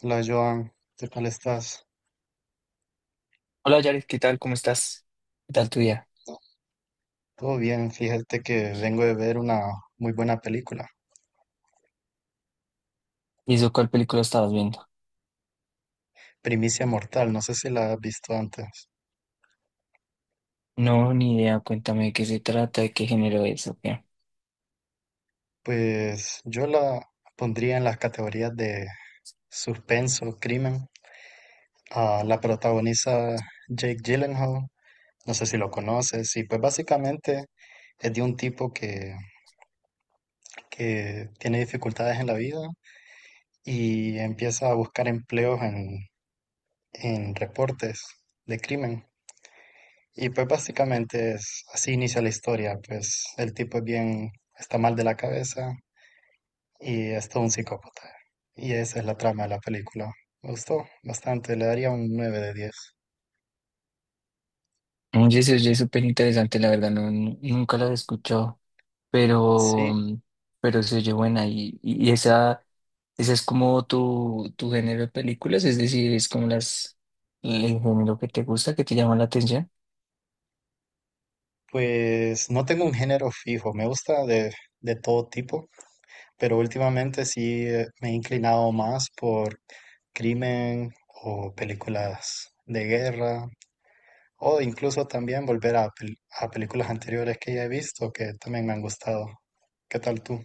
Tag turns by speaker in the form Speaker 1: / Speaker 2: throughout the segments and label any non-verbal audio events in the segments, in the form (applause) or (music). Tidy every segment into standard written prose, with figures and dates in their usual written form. Speaker 1: Hola Joan, ¿qué tal estás?
Speaker 2: Hola Yaris, ¿qué tal? ¿Cómo estás? ¿Qué tal tu día?
Speaker 1: Todo bien, fíjate que vengo de ver una muy buena película,
Speaker 2: ¿Y eso cuál película estabas viendo?
Speaker 1: Primicia Mortal, no sé si la has visto antes.
Speaker 2: No, ni idea, cuéntame de qué se trata, de qué género es, o qué.
Speaker 1: Pues yo la pondría en las categorías de suspenso, crimen. Ah, la protagoniza Jake Gyllenhaal, no sé si lo conoces, y pues básicamente es de un tipo que tiene dificultades en la vida y empieza a buscar empleos en reportes de crimen. Y pues básicamente es así inicia la historia, pues el tipo es bien, está mal de la cabeza y es todo un psicópata. Y esa es la trama de la película. Me gustó bastante, le daría un 9/10.
Speaker 2: Oye, se oye súper interesante, la verdad, no, nunca la he escuchado, pero,
Speaker 1: Sí,
Speaker 2: mm, pero se oye buena y esa es como tu género de películas, es decir, es como el género que te gusta, que te llama la atención.
Speaker 1: pues no tengo un género fijo, me gusta de todo tipo, pero últimamente sí me he inclinado más por crimen o películas de guerra. O incluso también volver a, a películas anteriores que ya he visto que también me han gustado. ¿Qué tal tú?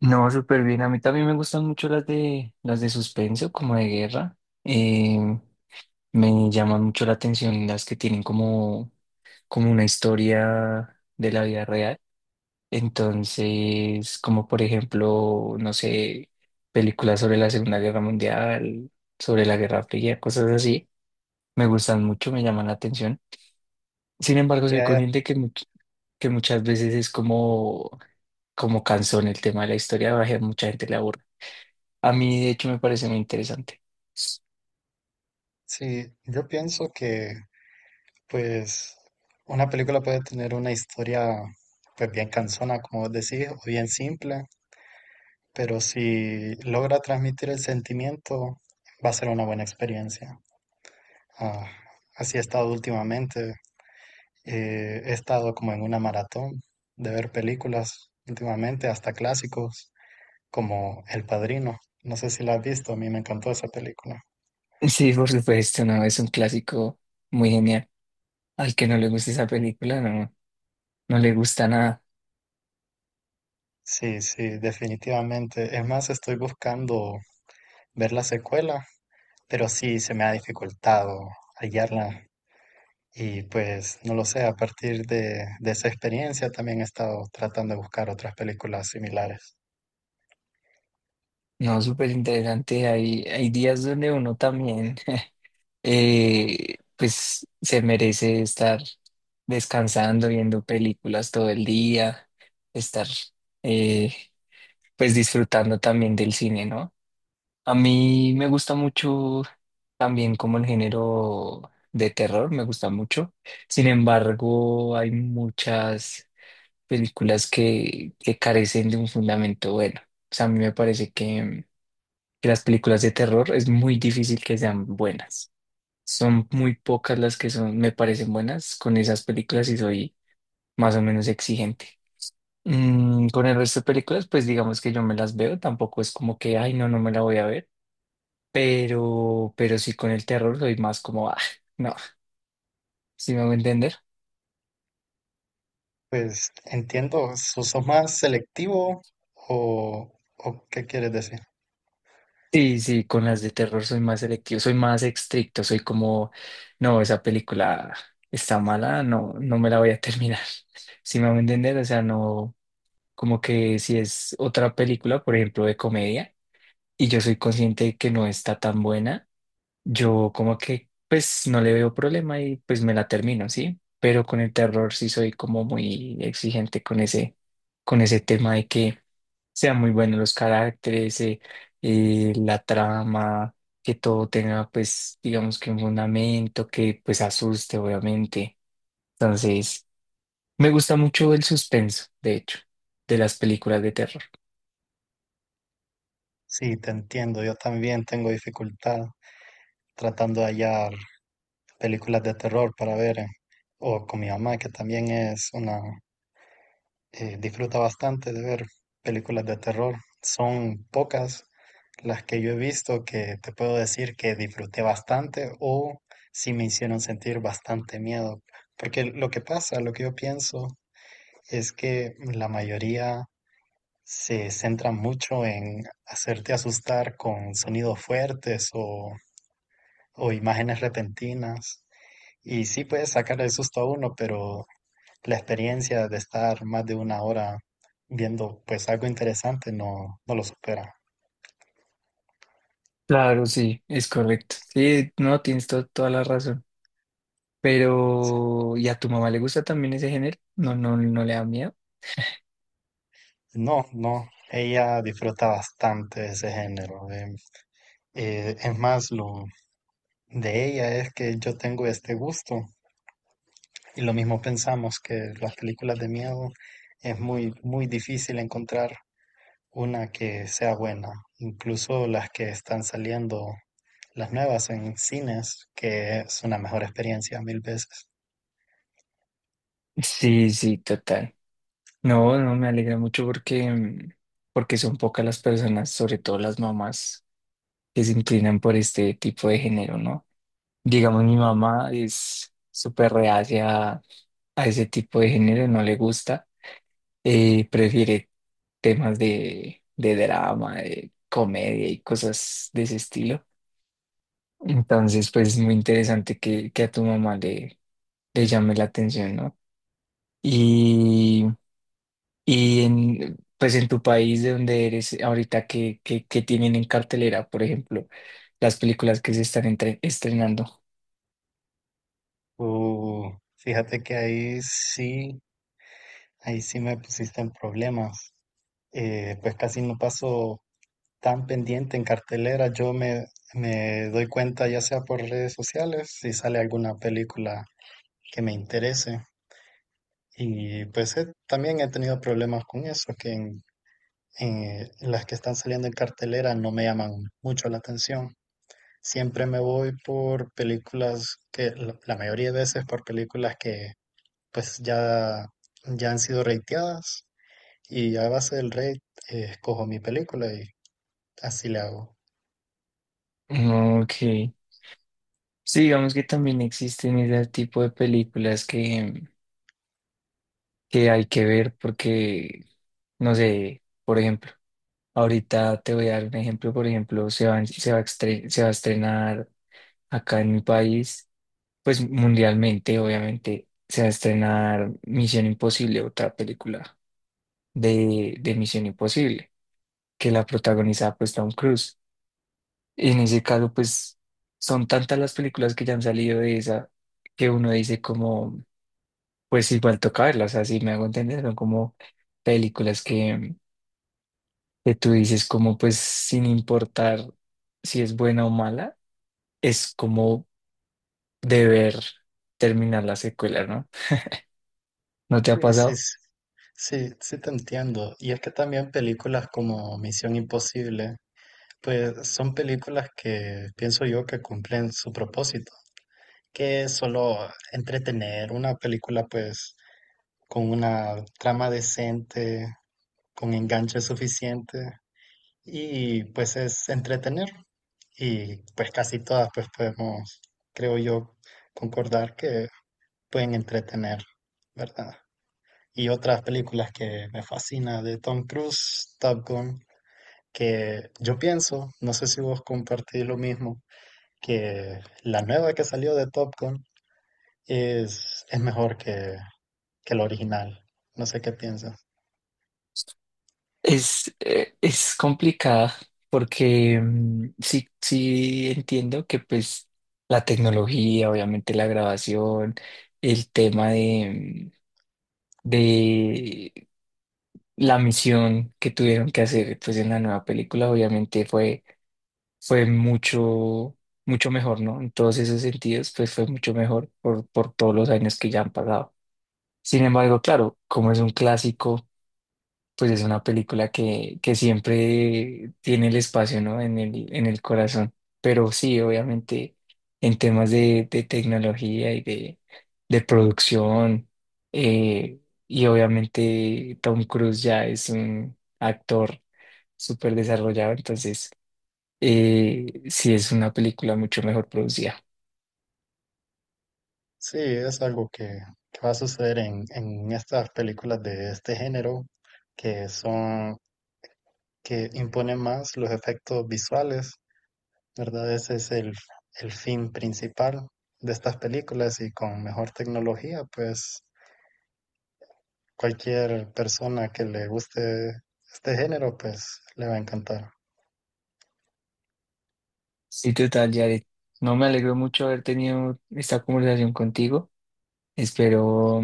Speaker 2: No, súper bien, a mí también me gustan mucho las de suspenso, como de guerra. eh, Me llaman mucho la atención las que tienen como una historia de la vida real. Entonces, como por ejemplo, no sé, películas sobre la Segunda Guerra Mundial, sobre la Guerra Fría, cosas así. Me gustan mucho, me llaman la atención. Sin embargo, soy
Speaker 1: Ya, ya.
Speaker 2: consciente que muchas veces es como cansón el tema de la historia, a mucha gente le aburre. A mí, de hecho, me parece muy interesante.
Speaker 1: Sí, yo pienso que pues una película puede tener una historia pues bien cansona, como vos decís, o bien simple, pero si logra transmitir el sentimiento, va a ser una buena experiencia. Ah, así he estado últimamente. He estado como en una maratón de ver películas últimamente, hasta clásicos, como El Padrino. No sé si la has visto, a mí me encantó esa película.
Speaker 2: Sí, por supuesto, no, es un clásico muy genial. Al que no le gusta esa película, no, no le gusta nada.
Speaker 1: Sí, sí, definitivamente. Es más, estoy buscando ver la secuela, pero sí se me ha dificultado hallarla. Y pues, no lo sé, a partir de esa experiencia también he estado tratando de buscar otras películas similares.
Speaker 2: No, súper interesante. Hay días donde uno también, (laughs) pues, se merece estar descansando, viendo películas todo el día, estar, eh, pues, disfrutando también del cine, ¿no? A mí me gusta mucho también como el género de terror, me gusta mucho. Sin embargo, hay muchas que carecen de un fundamento bueno. O sea, a mí me parece que las películas de terror es muy difícil que sean buenas. Son muy pocas las que son, me parecen buenas con esas películas y soy más o menos exigente. Con el resto de películas, pues digamos que yo me las veo, tampoco es como que, ay, no, no me la voy a ver, pero sí con el terror soy más como, ah, no, si me voy a entender.
Speaker 1: Pues entiendo, ¿sos más selectivo o qué quieres decir?
Speaker 2: Sí, sí, con las de terror soy más selectivo, soy más estricto, soy como, no, esa película está mala, no, no me la voy a terminar. (laughs) Si me van a entender, o sea, no, como que si es otra película, por ejemplo, de comedia, y yo soy consciente de que no está tan buena, yo como que, pues, no le veo problema y pues me la termino, ¿sí? Pero con el terror sí soy como muy exigente con con ese tema de que sean muy buenos los caracteres, la trama, que todo tenga pues digamos que un fundamento que pues asuste obviamente. Entonces, me gusta mucho el suspenso, de hecho, de las películas de terror.
Speaker 1: Sí, te entiendo. Yo también tengo dificultad tratando de hallar películas de terror para ver, o con mi mamá, que también es disfruta bastante de ver películas de terror. Son pocas las que yo he visto que te puedo decir que disfruté bastante o sí me hicieron sentir bastante miedo. Porque lo que pasa, lo que yo pienso es que la mayoría se centra mucho en hacerte asustar con sonidos fuertes o imágenes repentinas. Y sí puede sacar el susto a uno, pero la experiencia de estar más de 1 hora viendo pues algo interesante no, no lo supera.
Speaker 2: Claro, sí, es correcto. Sí, no, tienes toda la razón.
Speaker 1: Sí.
Speaker 2: Pero, ¿y a tu mamá le gusta también ese género? No, no, no le da miedo.
Speaker 1: No, no, ella disfruta bastante de ese género. Es más, lo de ella es que yo tengo este gusto y lo mismo pensamos que las películas de miedo es muy, muy difícil encontrar una que sea buena. Incluso las que están saliendo, las nuevas en cines, que es una mejor experiencia mil veces.
Speaker 2: Sí, sí, total. No, no, me alegra mucho porque son pocas las personas, sobre todo las mamás, que se inclinan por este tipo de género, ¿no? Digamos, mi mamá es súper reacia a ese tipo de género, no le gusta, prefiere temas de drama, de comedia y cosas de ese estilo. Entonces, pues es muy interesante que a tu mamá le llame la atención, ¿no? Y, pues en tu país de donde eres ahorita, qué tienen en cartelera, por ejemplo, las películas que se están estrenando?
Speaker 1: Uh, fíjate que ahí sí me pusiste en problemas. Pues casi no paso tan pendiente en cartelera. Me doy cuenta ya sea por redes sociales si sale alguna película que me interese. Y pues también he tenido problemas con eso, que en las que están saliendo en cartelera no me llaman mucho la atención. Siempre me voy por películas que, la mayoría de veces por películas que pues ya han sido rateadas y a base del rate, escojo mi película y así le hago.
Speaker 2: Ah, ok. Sí, digamos que también existen ese tipo de que hay que ver porque, no sé, por ejemplo, ahorita te voy a dar un ejemplo, por ejemplo, se va a estrenar acá en mi país, pues mundialmente, obviamente, se va a estrenar Misión Imposible, otra película de Misión Imposible, que la protagoniza pues Tom Cruise. Y en ese caso, pues son tantas las películas que ya han salido de esa que uno dice como, pues igual toca verlas, así me hago entender, son como películas que, que tú dices como, pues sin importar si es buena o mala, es como deber terminar la secuela, ¿no? ¿No te ha
Speaker 1: Y sí,
Speaker 2: pasado?
Speaker 1: sí, sí te entiendo. Y es que también películas como Misión Imposible, pues son películas que pienso yo que cumplen su propósito, que solo entretener. Una película pues con una trama decente, con enganche suficiente y pues es entretener, y pues casi todas pues podemos, creo yo, concordar que pueden entretener, ¿verdad? Y otras películas que me fascina de Tom Cruise, Top Gun, que yo pienso, no sé si vos compartís lo mismo, que la nueva que salió de Top Gun es mejor que el original. No sé qué piensas.
Speaker 2: Es complicada porque sí, sí entiendo que pues la tecnología, obviamente la grabación, el tema de la misión que tuvieron que hacer pues en la nueva película, obviamente fue mucho mejor, ¿no? En todos esos sentidos, pues fue mucho mejor por todos los años que ya han pasado. Sin embargo, claro, como es un clásico pues es una que siempre tiene el espacio, ¿no? En el corazón. Pero sí, obviamente, en temas de tecnología de producción, eh, y obviamente Tom Cruise ya es un actor súper desarrollado, entonces sí es una película mucho mejor producida.
Speaker 1: Sí, es algo que va a suceder en estas películas de este género, que son, que imponen más los efectos visuales, ¿verdad? Ese es el fin principal de estas películas y con mejor tecnología, pues cualquier persona que le guste este género, pues le va a encantar.
Speaker 2: Sí, total, Jared. No me alegro mucho haber tenido esta conversación contigo. Espero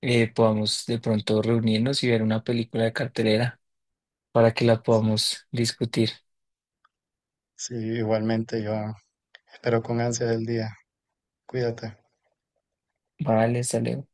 Speaker 2: podamos de pronto reunirnos y ver una película de cartelera para que la podamos discutir.
Speaker 1: Sí, igualmente yo espero con ansias el día. Cuídate.
Speaker 2: Vale, hasta luego.